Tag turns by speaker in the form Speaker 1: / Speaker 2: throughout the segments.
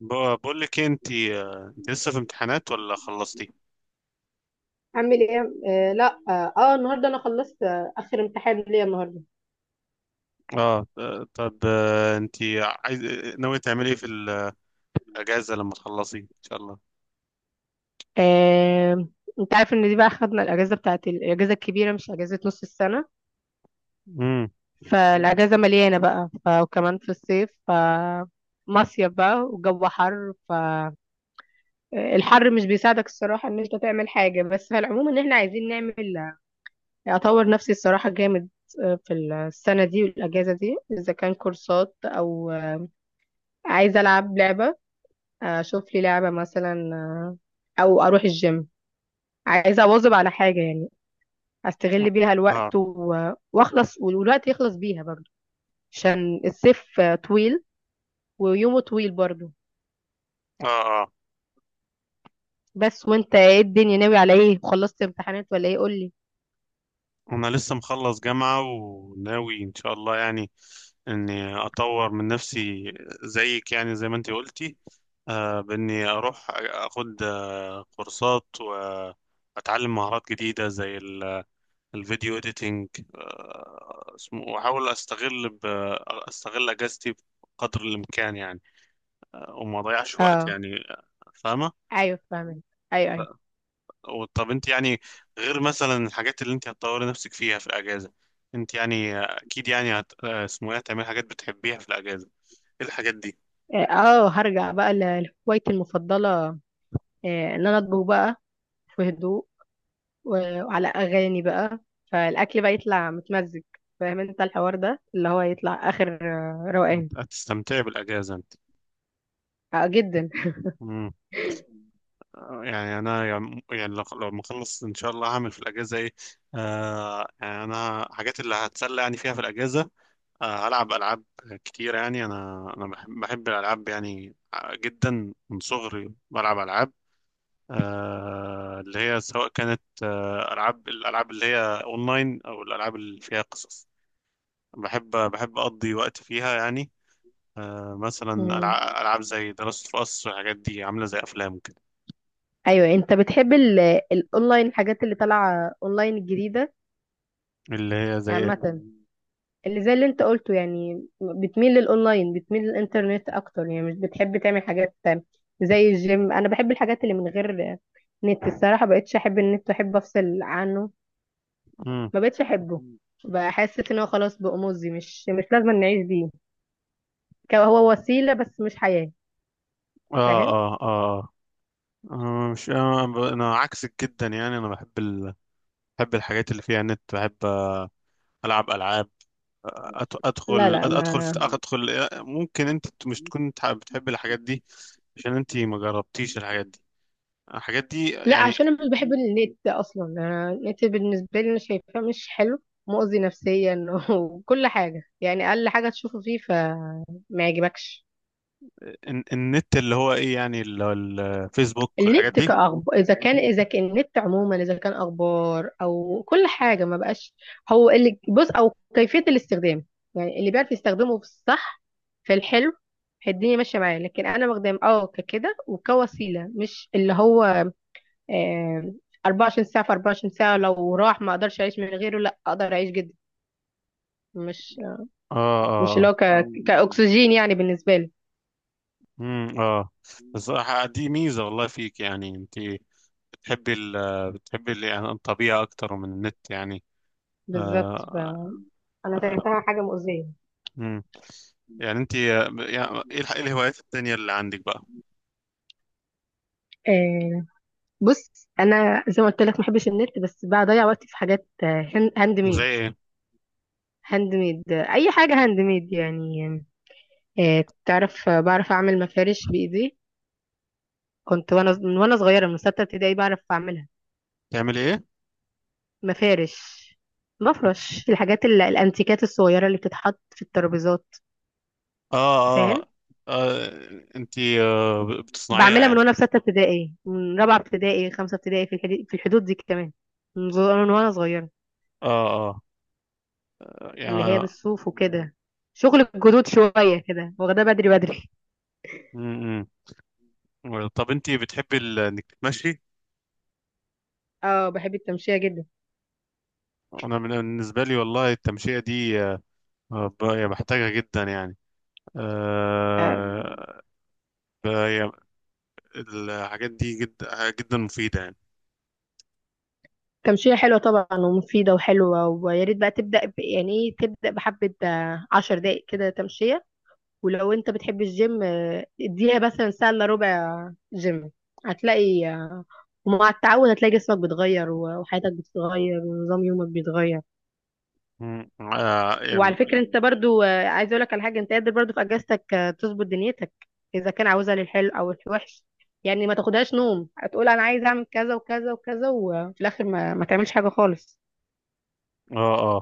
Speaker 1: بقول لك إيه، انت انت لسه في امتحانات ولا خلصتي؟
Speaker 2: اعمل ايه آه لا النهارده انا خلصت، آه، اخر امتحان ليا النهارده.
Speaker 1: اه، طب، انت عايز ناوي تعملي ايه في الاجازه لما تخلصي ان شاء الله؟
Speaker 2: آه، انت عارف ان دي بقى خدنا الاجازه بتاعت الاجازه الكبيره مش اجازه نص السنه،
Speaker 1: امم.
Speaker 2: فالاجازه مليانه بقى وكمان في الصيف، ف مصيف بقى والجو حر. فالحر مش بيساعدك الصراحه ان انت تعمل حاجه، بس في العموم ان احنا عايزين نعمل، اطور نفسي الصراحه جامد في السنه دي والاجازه دي، اذا كان كورسات او عايزه العب لعبه، اشوف لي لعبة مثلا، آه، او اروح الجيم. عايزة اواظب على حاجة يعني، استغل بيها
Speaker 1: اه،
Speaker 2: الوقت واخلص والوقت يخلص بيها برضو، عشان الصيف آه، طويل ويومه طويل برضو.
Speaker 1: اه، اه،
Speaker 2: بس وانت ايه الدنيا، ناوي على ايه؟ خلصت امتحانات ولا ايه؟ قولي.
Speaker 1: انا لسه مخلص جامعه وناوي ان شاء الله يعني اني اطور من نفسي، زيك يعني، زي ما انت قلتي. باني اروح اخد كورسات واتعلم مهارات جديده زي الفيديو اديتنج، واحاول استغل اجازتي بقدر الامكان يعني، وما اضيعش وقت
Speaker 2: اه،
Speaker 1: يعني، فاهمه؟
Speaker 2: ايوه فاهمك. ايوه ايوه.
Speaker 1: طب انت يعني، غير مثلا الحاجات اللي انت هتطوري نفسك فيها في الاجازه، انت يعني اكيد يعني اسمه ايه هتعملي حاجات بتحبيها في الاجازه. ايه الحاجات دي؟
Speaker 2: اه، هرجع بقى لهوايتي المفضلة، آه، ان انا اطبخ بقى في هدوء وعلى اغاني بقى، فالاكل بقى يطلع متمزج. فاهم انت الحوار ده اللي هو يطلع اخر روقان.
Speaker 1: هتستمتعي بالاجازه انت.
Speaker 2: آه، جدا.
Speaker 1: مم. يعني انا يعني لو ما اخلص ان شاء الله هعمل في الاجازه ايه. يعني انا حاجات اللي هتسلى يعني فيها في الاجازه، ألعب ألعاب كتير يعني. أنا بحب الألعاب يعني، جدا، من صغري بلعب ألعاب. اللي هي سواء كانت الألعاب اللي هي أونلاين أو الألعاب اللي فيها قصص. بحب أقضي وقت فيها يعني. مثلا
Speaker 2: مم.
Speaker 1: ألعاب زي ذا لاست أوف أس والحاجات دي، عاملة زي أفلام كده.
Speaker 2: ايوه انت بتحب الاونلاين، الحاجات اللي طالعه اونلاين الجديده،
Speaker 1: اللي هي زي
Speaker 2: يعني
Speaker 1: إيه؟
Speaker 2: عامه اللي زي اللي انت قلته، يعني بتميل للاونلاين، بتميل للانترنت اكتر، يعني مش بتحب تعمل حاجات زي الجيم. انا بحب الحاجات اللي من غير نت الصراحه، بقتش احب النت، احب افصل عنه.
Speaker 1: مم.
Speaker 2: ما بقتش احبه، بحس ان هو خلاص بقى مؤذي، مش لازم نعيش بيه. كان هو وسيلة بس مش حياة.
Speaker 1: آه،
Speaker 2: فاهم.
Speaker 1: آه، آه. مش أنا عكسك جدا يعني. أنا بحب الحاجات اللي فيها نت. بحب ألعب ألعاب.
Speaker 2: لا لا ما
Speaker 1: ادخل. ممكن انت مش تكون بتحب الحاجات دي عشان انت ما جربتيش الحاجات دي،
Speaker 2: لا
Speaker 1: يعني.
Speaker 2: عشان انا مش بحب النت اصلا. أنا النت بالنسبه لي انا شايفاه مش حلو، مؤذي نفسيا وكل حاجه يعني، اقل حاجه تشوفه فيه فما يعجبكش.
Speaker 1: النت، اللي هو ايه يعني اللي هو الفيسبوك والحاجات
Speaker 2: النت
Speaker 1: دي.
Speaker 2: كأخبار، إذا كان إذا كان النت عموما، إذا كان أخبار أو كل حاجة، ما بقاش هو اللي بص، أو كيفية الاستخدام، يعني اللي بيعرف يستخدمه في الصح في الحلو الدنيا ماشية معاه. لكن أنا بخدم أه ككده وكوسيلة، مش اللي هو آه، 24 ساعة في 24 ساعة لو راح ما اقدرش اعيش من غيره. لا اقدر اعيش جدا، مش
Speaker 1: اه،
Speaker 2: مش اللي
Speaker 1: اه،
Speaker 2: هو كأكسجين يعني بالنسبة لي.
Speaker 1: امم، اه. بس دي ميزة والله فيك يعني. انت يعني الطبيعة اكتر من النت يعني.
Speaker 2: بالظبط
Speaker 1: آه،
Speaker 2: انا
Speaker 1: آه.
Speaker 2: شايفاها حاجه مؤذيه.
Speaker 1: امم. يعني انت يعني إيه الهوايات التانية اللي عندك بقى؟
Speaker 2: آه بص، انا زي ما قلت لك ما بحبش النت، بس بضيع وقتي في حاجات هاند
Speaker 1: زي
Speaker 2: ميد.
Speaker 1: ايه؟
Speaker 2: اي حاجه هاند ميد يعني. آه تعرف، آه، بعرف اعمل مفارش بايدي، كنت من وانا صغيره من سته ابتدائي بعرف اعملها.
Speaker 1: بتعملي ايه؟
Speaker 2: مفارش، مفرش، الحاجات الانتيكات الصغيره اللي بتتحط في الترابيزات،
Speaker 1: اه،
Speaker 2: فاهم.
Speaker 1: اه، آه. انتي بتصنعيها
Speaker 2: بعملها من
Speaker 1: يعني؟
Speaker 2: وانا في سته ابتدائي، من رابعه ابتدائي خمسه ابتدائي، في الحدود، في الحدود دي كمان، من وانا صغيره.
Speaker 1: اه، اه، يعني،
Speaker 2: اللي هي بالصوف وكده، شغل الجدود شويه كده، واخداه بدري بدري.
Speaker 1: م -م. طب انتي بتحبي انك تتمشي؟
Speaker 2: اه بحب التمشيه جدا.
Speaker 1: انا بالنسبه لي والله التمشيه دي، يعني بحتاجها جدا يعني.
Speaker 2: آه،
Speaker 1: آه يعني الحاجات دي جدا جدا مفيده يعني.
Speaker 2: تمشية حلوة طبعا ومفيدة وحلوة، ويا ريت بقى تبدأ يعني ايه، تبدأ بحبة آه، 10 دقايق كده تمشية. ولو انت بتحب الجيم، آه، اديها مثلا ساعة الا ربع جيم. هتلاقي، آه، ومع التعود هتلاقي جسمك بيتغير وحياتك بتتغير ونظام يومك بيتغير.
Speaker 1: م- يعني.
Speaker 2: وعلى فكرة انت برضو، آه، عايزة اقولك على حاجة، انت قادر برضو في اجازتك آه، تظبط دنيتك، اذا كان عاوزها للحلو او الوحش. يعني ما تاخدهاش نوم، هتقول انا عايز اعمل كذا وكذا وكذا وفي الاخر ما تعملش حاجة خالص.
Speaker 1: اه،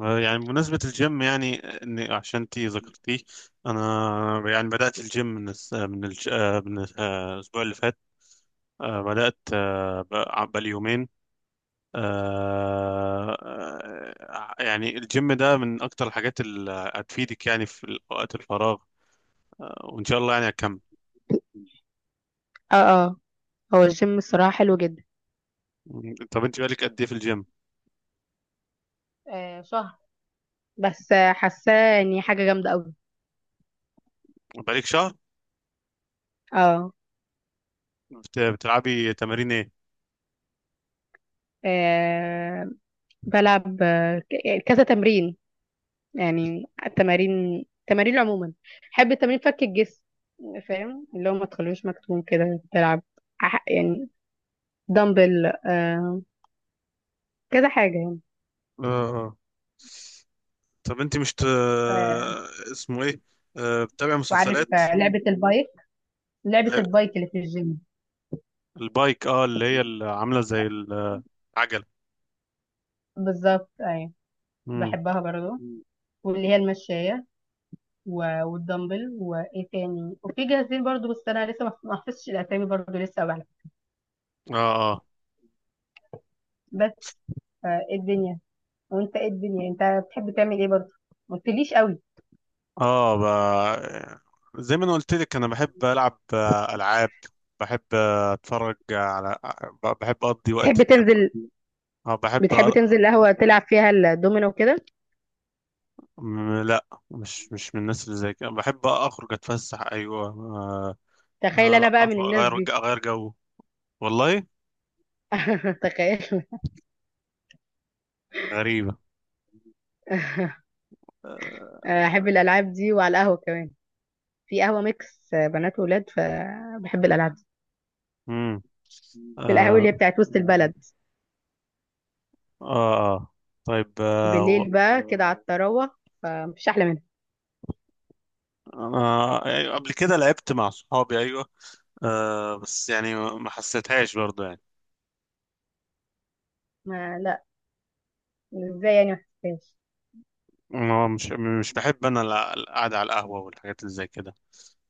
Speaker 1: اه، يعني بمناسبة الجيم يعني، إن عشان انتي ذكرتيه. أنا يعني بدأت الجيم من الأسبوع اللي فات. بدأت، بقالي يومين. يعني الجيم ده من أكتر الحاجات اللي هتفيدك يعني في وقت الفراغ، وإن شاء الله يعني هتكمل.
Speaker 2: اه اه. هو الجيم الصراحة حلو جدا.
Speaker 1: طب أنت بقالك قد إيه في الجيم؟
Speaker 2: آه شهر، بس آه، حاساه اني حاجة جامدة قوي.
Speaker 1: بقالك شهر؟
Speaker 2: اه.
Speaker 1: بتلعبي تمارين إيه؟
Speaker 2: آه بلعب، آه، يعني كذا تمرين. يعني التمارين، عموما بحب التمارين فك الجسم، فاهم، اللي هو ما تخلوش مكتوم كده تلعب. يعني دمبل، آه كذا حاجة يعني.
Speaker 1: آه. آه. طب أنت مش ت...
Speaker 2: آه
Speaker 1: اسمه إيه؟ بتتابع
Speaker 2: وعارف،
Speaker 1: مسلسلات؟
Speaker 2: آه، لعبة البايك، لعبة
Speaker 1: لا.
Speaker 2: البايك اللي في الجيم.
Speaker 1: البايك، اه، اللي هي اللي عاملة زي العجلة.
Speaker 2: بالظبط أيوة.
Speaker 1: مم.
Speaker 2: بحبها برضو، واللي هي المشاية والدمبل وإيه تاني، وفي جاهزين برضو، بس أنا لسه ما ما حفظتش الأسامي برضو لسه أوي على فكرة.
Speaker 1: اه،
Speaker 2: بس، آه، إيه الدنيا؟ وانت ايه الدنيا، انت بتحب تعمل ايه برضه؟ ما قلتليش قوي.
Speaker 1: اه. زي ما انا قلت لك، انا بحب العب العاب. بحب اتفرج على. بحب اقضي وقت
Speaker 2: بتحب
Speaker 1: اليابان.
Speaker 2: تنزل،
Speaker 1: اه، بحب
Speaker 2: بتحب تنزل القهوة تلعب فيها الدومينو وكده؟
Speaker 1: لا، مش من الناس اللي زي كده. بحب اخرج اتفسح، ايوه،
Speaker 2: تخيل انا بقى من الناس
Speaker 1: اغير
Speaker 2: دي.
Speaker 1: اغير جو، والله
Speaker 2: تخيل.
Speaker 1: غريبة.
Speaker 2: احب الالعاب دي، وعلى القهوة كمان. في قهوة ميكس بنات وولاد، فبحب الالعاب دي،
Speaker 1: امم.
Speaker 2: في القهوة اللي هي
Speaker 1: آه.
Speaker 2: بتاعت وسط البلد.
Speaker 1: آه. آه. طيب.
Speaker 2: بالليل بقى كده على التروح، فمفيش احلى منها.
Speaker 1: انا، أيوة، قبل كده لعبت مع صحابي، ايوه، بس يعني ما حسيتهاش برضه يعني.
Speaker 2: ما لا، ازاي يعني ما حسيتهاش؟
Speaker 1: هو، مش بحب انا القعده على القهوه والحاجات اللي زي كده.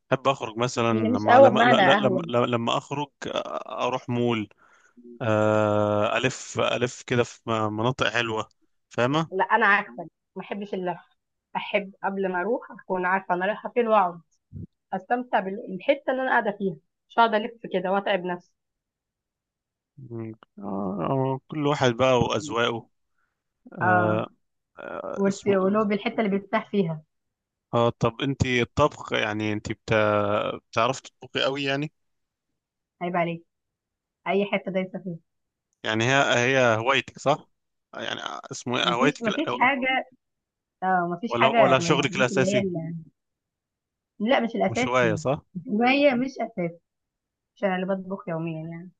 Speaker 1: بحب اخرج مثلا،
Speaker 2: هي مش
Speaker 1: لما
Speaker 2: قهوه
Speaker 1: لما
Speaker 2: بمعنى
Speaker 1: لا- لا- لما
Speaker 2: قهوه.
Speaker 1: لما لما اخرج اروح مول. الف كده في مناطق حلوه، فاهمه؟
Speaker 2: لا انا عكسك، ما احبش اللف. احب قبل ما اروح اكون عارفه انا رايحه فين واقعد، استمتع بالحته اللي انا قاعده فيها. مش هقعد الف كده واتعب نفسي.
Speaker 1: مم. آه، كل واحد بقى واذواقه.
Speaker 2: اه.
Speaker 1: آه، آه، اسمه
Speaker 2: ولو بالحته اللي بيرتاح فيها.
Speaker 1: طب انت الطبخ، يعني انت بتعرف تطبخي قوي يعني؟
Speaker 2: عيب عليك، اي حته دايسه فيها.
Speaker 1: يعني هي هوايتك صح يعني؟ اسمه إيه؟
Speaker 2: مفيش
Speaker 1: هوايتك
Speaker 2: مفيش حاجه. اه مفيش
Speaker 1: ولا
Speaker 2: حاجه
Speaker 1: ولا
Speaker 2: من
Speaker 1: شغلك
Speaker 2: الحاجات اللي هي
Speaker 1: الاساسي؟
Speaker 2: لا مش
Speaker 1: مش هوايه
Speaker 2: الاساسي.
Speaker 1: صح؟
Speaker 2: ما هي مش اساسي، مش انا اللي بطبخ يوميا يعني،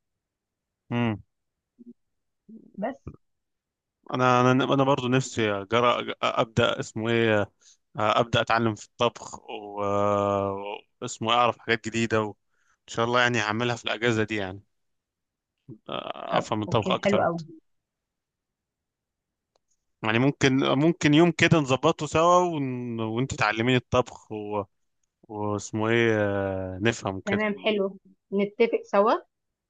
Speaker 2: بس.
Speaker 1: انا برضو نفسي أجرأ ابدا. اسمه ايه ابدا اتعلم في الطبخ، اعرف حاجات جديده، وان شاء الله يعني هعملها في الاجازه دي يعني،
Speaker 2: طب
Speaker 1: افهم الطبخ
Speaker 2: اوكي، حلو
Speaker 1: اكتر وقت.
Speaker 2: قوي.
Speaker 1: يعني ممكن يوم كده نظبطه سوا، وانت تعلميني الطبخ واسمه ايه نفهم كده.
Speaker 2: تمام حلو، نتفق سوا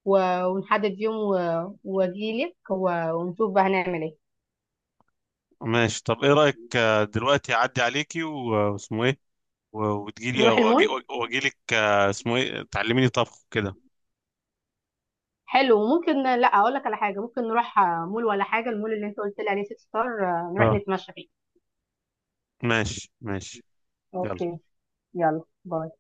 Speaker 2: ونحدد يوم واجيلك ونشوف بقى هنعمل ايه.
Speaker 1: ماشي. طب ايه رايك دلوقتي اعدي عليكي، واسمه ايه
Speaker 2: نروح
Speaker 1: واجي،
Speaker 2: المول.
Speaker 1: واجيلك اسمه ايه تعلميني طبخ كده.
Speaker 2: حلو، ممكن لا اقول لك على حاجه، ممكن نروح آه، مول ولا حاجه، المول اللي انت قلت لي عليه سيتي ستار، آه، نروح
Speaker 1: اه،
Speaker 2: نتمشى فيه.
Speaker 1: ماشي، ماشي، يلا.
Speaker 2: اوكي. يلا باي.